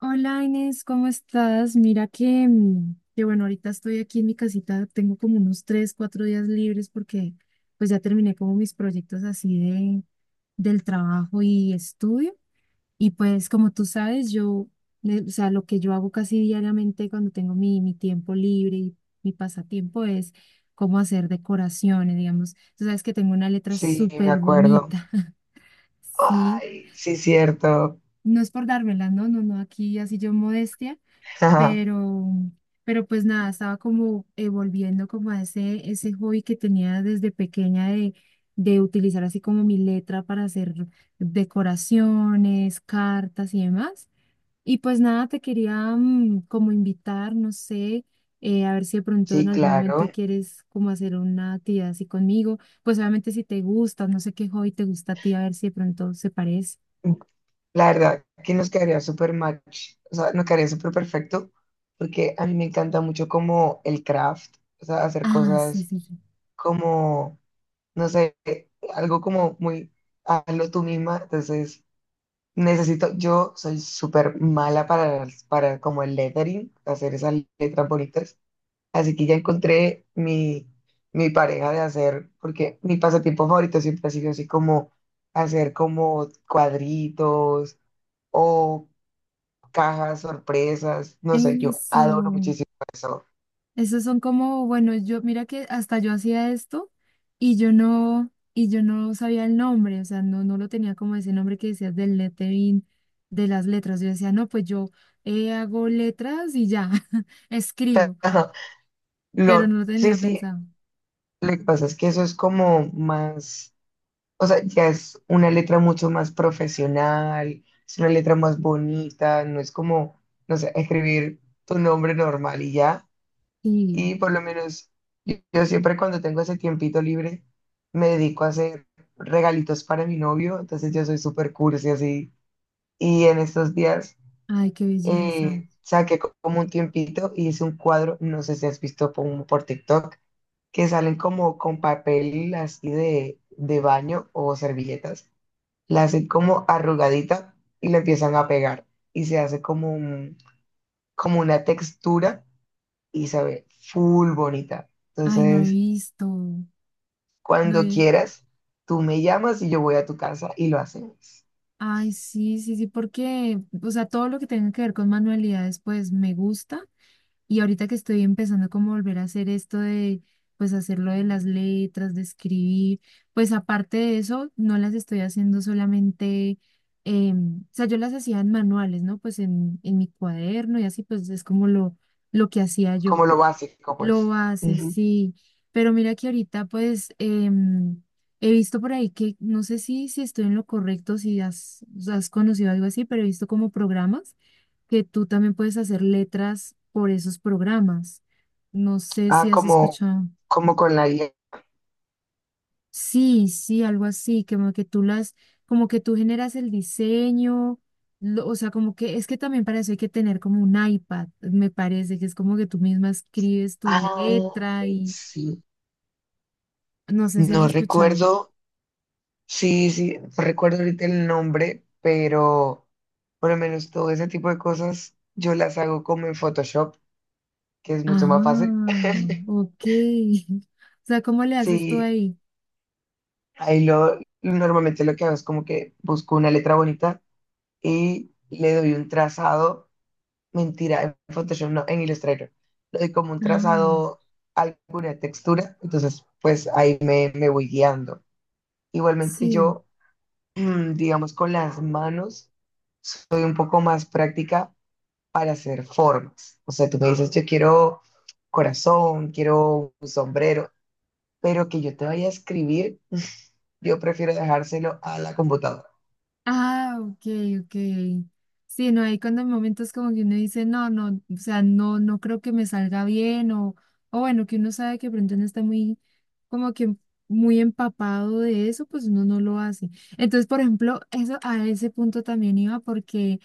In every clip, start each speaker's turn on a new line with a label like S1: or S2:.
S1: Hola Inés, ¿cómo estás? Mira que, que bueno, ahorita estoy aquí en mi casita, tengo como unos tres, cuatro días libres porque pues ya terminé como mis proyectos así de, del trabajo y estudio. Y pues como tú sabes, yo, o sea, lo que yo hago casi diariamente cuando tengo mi tiempo libre y mi pasatiempo es cómo hacer decoraciones, digamos. Tú sabes que tengo una letra
S2: Sí, me
S1: súper
S2: acuerdo.
S1: bonita, ¿sí?
S2: Ay, sí, cierto.
S1: No es por dármela, no, no, no, aquí así yo modestia pero, pero pues nada, estaba como volviendo como a ese hobby que tenía desde pequeña de utilizar así como mi letra para hacer decoraciones, cartas y demás. Y pues nada, te quería como invitar, no sé, a ver si de pronto en
S2: Sí,
S1: algún
S2: claro.
S1: momento quieres como hacer una actividad así conmigo. Pues obviamente si te gusta, no sé qué hobby te gusta a ti, a ver si de pronto se parece.
S2: La verdad, que nos quedaría súper match. O sea, nos quedaría súper perfecto porque a mí me encanta mucho como el craft, o sea, hacer
S1: Ah, sí,
S2: cosas
S1: sí, sí.
S2: como, no sé, algo como muy, hazlo tú misma. Entonces, necesito, yo soy súper mala para como el lettering, hacer esas letras bonitas. Así que ya encontré mi pareja de hacer, porque mi pasatiempo favorito siempre ha sido así como hacer como cuadritos o cajas sorpresas. No sé, yo adoro
S1: Eso.
S2: muchísimo eso.
S1: Esos son como, bueno, yo, mira que hasta yo hacía esto y yo no sabía el nombre, o sea, no, no lo tenía como ese nombre que decías del lettering, de las letras. Yo decía, no, pues yo hago letras y ya, escribo,
S2: Ajá.
S1: pero no
S2: Lo,
S1: lo
S2: sí,
S1: tenía
S2: sí,
S1: pensado.
S2: lo que pasa es que eso es como más, o sea, ya es una letra mucho más profesional, es una letra más bonita, no es como, no sé, escribir tu nombre normal y ya.
S1: Y,
S2: Y por lo menos yo siempre cuando tengo ese tiempito libre me dedico a hacer regalitos para mi novio, entonces yo soy súper cursi así. Y en estos días
S1: ay, qué belleza.
S2: saqué como un tiempito y hice un cuadro, no sé si has visto por TikTok, que salen como con papel así de baño o servilletas. La hacen como arrugadita y la empiezan a pegar y se hace como como una textura y se ve full bonita.
S1: Ay, no he
S2: Entonces,
S1: visto. No
S2: cuando
S1: he-
S2: quieras, tú me llamas y yo voy a tu casa y lo hacemos.
S1: ay, sí, sí, sí, porque, o sea, todo lo que tenga que ver con manualidades, pues me gusta. Y ahorita que estoy empezando como a volver a hacer esto de, pues hacerlo de las letras, de escribir, pues aparte de eso, no las estoy haciendo solamente, o sea, yo las hacía en manuales, ¿no? Pues en mi cuaderno y así, pues es como lo que hacía yo.
S2: Como lo básico, pues.
S1: Lo hace,
S2: Ujú.
S1: sí, pero mira que ahorita pues he visto por ahí que, no sé si, si estoy en lo correcto, si has, has conocido algo así, pero he visto como programas que tú también puedes hacer letras por esos programas. No sé si
S2: Ah,
S1: has
S2: como,
S1: escuchado.
S2: como con la guía.
S1: Sí, sí, algo así, como que tú las, como que tú generas el diseño, lo- o sea, como que es que también para eso hay que tener como un iPad, me parece, que es como que tú misma escribes tu
S2: Ah,
S1: letra y
S2: sí.
S1: no sé si has
S2: No
S1: escuchado.
S2: recuerdo, sí, sí, no recuerdo ahorita el nombre, pero por lo menos todo ese tipo de cosas yo las hago como en Photoshop, que es mucho más fácil.
S1: Ah, ok. O sea, ¿cómo le haces tú
S2: Sí,
S1: ahí?
S2: ahí lo, normalmente lo que hago es como que busco una letra bonita y le doy un trazado, mentira, en Photoshop no, en Illustrator. Le doy como un
S1: Ah,
S2: trazado a alguna textura, entonces pues ahí me voy guiando. Igualmente
S1: sí.
S2: yo, digamos, con las manos soy un poco más práctica para hacer formas. O sea, tú me dices, yo quiero corazón, quiero un sombrero, pero que yo te vaya a escribir, yo prefiero dejárselo a la computadora.
S1: Ah, ok, ok. Sí, no, hay cuando hay momentos como que uno dice, no, no, o sea, no, no creo que me salga bien, o bueno, que uno sabe que de pronto no está muy, como que muy empapado de eso, pues uno no lo hace. Entonces, por ejemplo, eso a ese punto también iba porque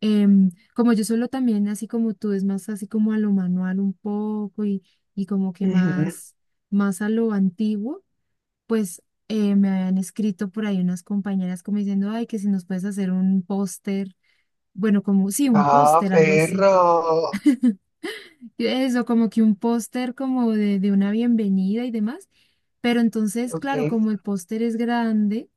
S1: como yo solo también, así como tú, es más así como a lo manual un poco y como que
S2: Ujú.
S1: más, más a lo antiguo pues me habían escrito por ahí unas compañeras como diciendo, ay, que si nos puedes hacer un póster, bueno, como, sí, un
S2: Ah,
S1: póster, algo así.
S2: perro.
S1: Y eso, como que un póster como de una bienvenida y demás. Pero entonces,
S2: Ok.
S1: claro, como el póster es grande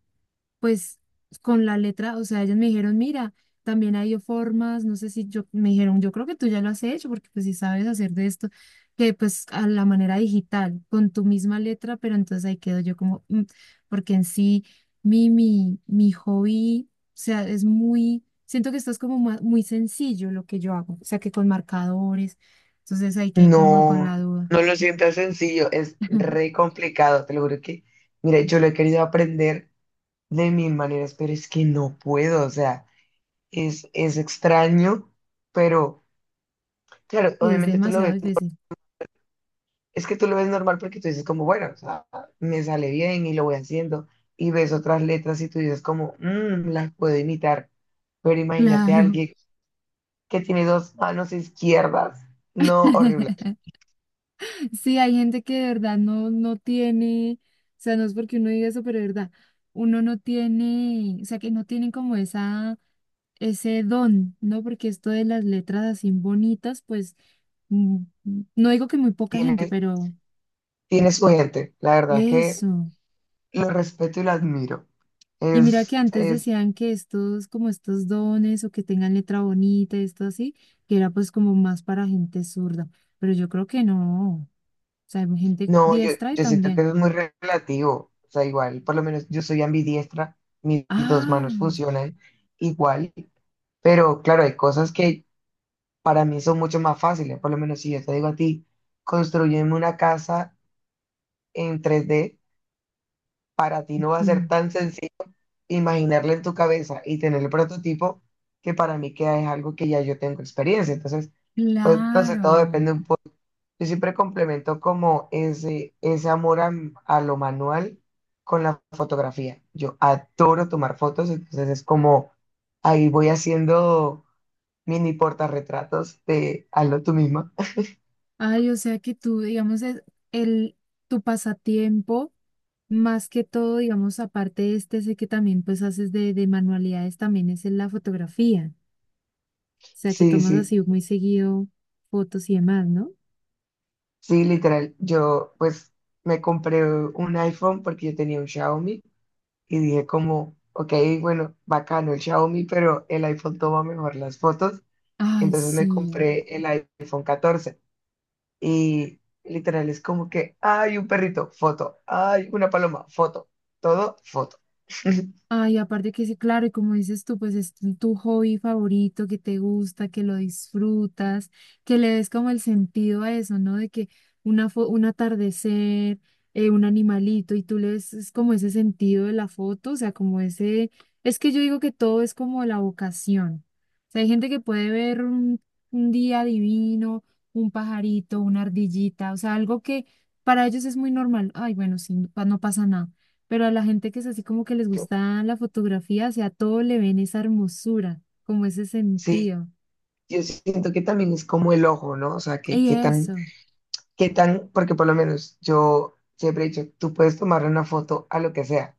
S1: pues con la letra, o sea, ellos me dijeron, mira, también hay formas, no sé si yo, me dijeron, yo creo que tú ya lo has hecho, porque pues si sabes hacer de esto, que pues a la manera digital, con tu misma letra, pero entonces ahí quedo yo como, "Mm", porque en sí, mi hobby, o sea, es muy, siento que esto es como ma- muy sencillo lo que yo hago, o sea, que con marcadores, entonces ahí quedé como con
S2: No,
S1: la duda.
S2: no lo sientas sencillo, es re complicado, te lo juro que, mira, yo lo he querido aprender de mil maneras, pero es que no puedo, o sea, es extraño, pero claro,
S1: Y es
S2: obviamente tú lo
S1: demasiado
S2: ves,
S1: difícil.
S2: es que tú lo ves normal porque tú dices como, bueno, o sea, me sale bien y lo voy haciendo, y ves otras letras y tú dices como, "Mm, las puedo imitar", pero imagínate a
S1: Claro.
S2: alguien que tiene dos manos izquierdas, no, horrible,
S1: Sí, hay gente que de verdad no, no tiene, o sea, no es porque uno diga eso, pero de verdad, uno no tiene, o sea, que no tienen como esa, ese don, ¿no? Porque esto de las letras así bonitas, pues, mm, no digo que muy poca gente,
S2: tiene,
S1: pero
S2: tiene su gente, la verdad que
S1: eso.
S2: lo respeto y lo admiro.
S1: Y mira que
S2: Es,
S1: antes
S2: es,
S1: decían que estos, como estos dones o que tengan letra bonita, esto así, que era pues como más para gente zurda, pero yo creo que no, o sea, hay gente
S2: no,
S1: diestra y
S2: yo siento que
S1: también.
S2: eso es muy relativo. O sea, igual, por lo menos yo soy ambidiestra, mis dos
S1: Ah.
S2: manos funcionan igual, pero claro, hay cosas que para mí son mucho más fáciles. Por lo menos si yo te digo a ti, construyeme una casa en 3D para ti no va a ser
S1: Sí.
S2: tan sencillo imaginarla en tu cabeza y tener el prototipo que para mí queda es algo que ya yo tengo experiencia. Entonces, pues, no sé, todo
S1: Claro.
S2: depende un... Yo siempre complemento como ese amor a lo manual con la fotografía. Yo adoro tomar fotos, entonces es como ahí voy haciendo mini portarretratos de hazlo tú misma.
S1: Ay, o sea que tú, digamos, es el, tu pasatiempo, más que todo, digamos, aparte de este, sé que también pues haces de manualidades, también es en la fotografía. O sea que
S2: Sí,
S1: tomas
S2: sí,
S1: así muy seguido fotos y demás, ¿no?
S2: sí, literal. Yo pues me compré un iPhone porque yo tenía un Xiaomi y dije como, ok, bueno, bacano el Xiaomi, pero el iPhone toma mejor las fotos.
S1: Ay,
S2: Entonces me
S1: sí.
S2: compré el iPhone 14. Y literal es como que hay un perrito, foto, hay una paloma, foto, todo, foto.
S1: Ay, aparte que sí, claro, y como dices tú, pues es tu hobby favorito, que te gusta, que lo disfrutas, que le des como el sentido a eso, ¿no? De que una fo- un atardecer, un animalito, y tú le ves es como ese sentido de la foto, o sea, como ese, es que yo digo que todo es como la vocación. O sea, hay gente que puede ver un día divino, un pajarito, una ardillita, o sea, algo que para ellos es muy normal. Ay, bueno, sí, no pa- no pasa nada pero a la gente que es así como que les
S2: Yo,
S1: gusta la fotografía, o sea, todo le ven esa hermosura, como ese
S2: sí,
S1: sentido.
S2: yo siento que también es como el ojo, ¿no? O sea,
S1: Y eso,
S2: que tan, porque por lo menos yo siempre he dicho, tú puedes tomar una foto a lo que sea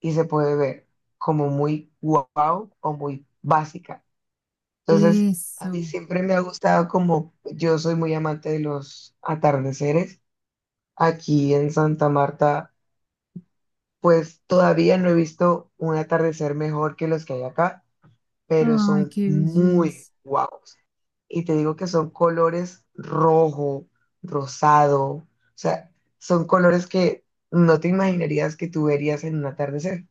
S2: y se puede ver como muy wow o muy básica. Entonces, a mí
S1: eso.
S2: siempre me ha gustado como, yo soy muy amante de los atardeceres. Aquí en Santa Marta pues todavía no he visto un atardecer mejor que los que hay acá, pero
S1: Ay,
S2: son
S1: qué
S2: muy
S1: belleza.
S2: guapos. Y te digo que son colores rojo, rosado, o sea, son colores que no te imaginarías que tú verías en un atardecer,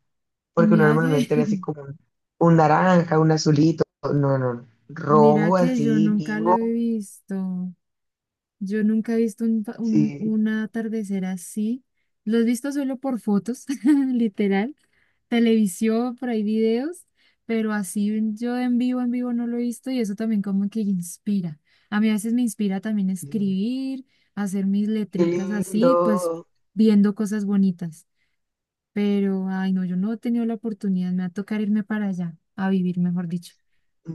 S1: Y
S2: porque uno
S1: mira que,
S2: normalmente ve así como un naranja, un azulito, no, no, no,
S1: mira
S2: rojo
S1: que yo
S2: así
S1: nunca lo
S2: vivo,
S1: he visto. Yo nunca he visto un, pa-
S2: sí,
S1: un atardecer así. Lo he visto solo por fotos, literal televisión, por ahí videos, pero así en- yo en vivo no lo he visto y eso también como que inspira. A mí a veces me inspira también
S2: sí,
S1: escribir, hacer mis
S2: qué
S1: letricas así, pues
S2: lindo.
S1: viendo cosas bonitas. Pero, ay, no, yo no he tenido la oportunidad, me va a tocar irme para allá, a vivir, mejor dicho.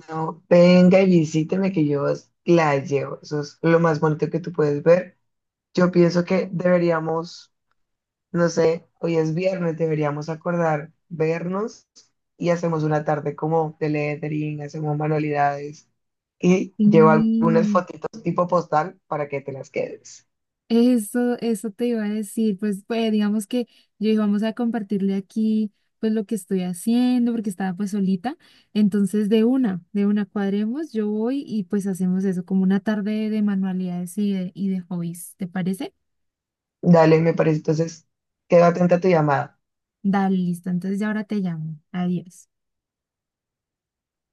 S2: No, venga y visíteme que yo os la llevo. Eso es lo más bonito que tú puedes ver. Yo pienso que deberíamos, no sé, hoy es viernes, deberíamos acordar vernos y hacemos una tarde como de lettering, hacemos manualidades y llevo algunas
S1: Sí,
S2: fotitos tipo postal para que te las quedes.
S1: eso te iba a decir, pues, pues digamos que yo dije, vamos a compartirle aquí pues lo que estoy haciendo, porque estaba pues solita, entonces de una cuadremos, yo voy y pues hacemos eso, como una tarde de manualidades y de hobbies, ¿te parece?
S2: Dale, me parece. Entonces, quedo atenta a tu llamada.
S1: Dale, listo, entonces ya ahora te llamo, adiós.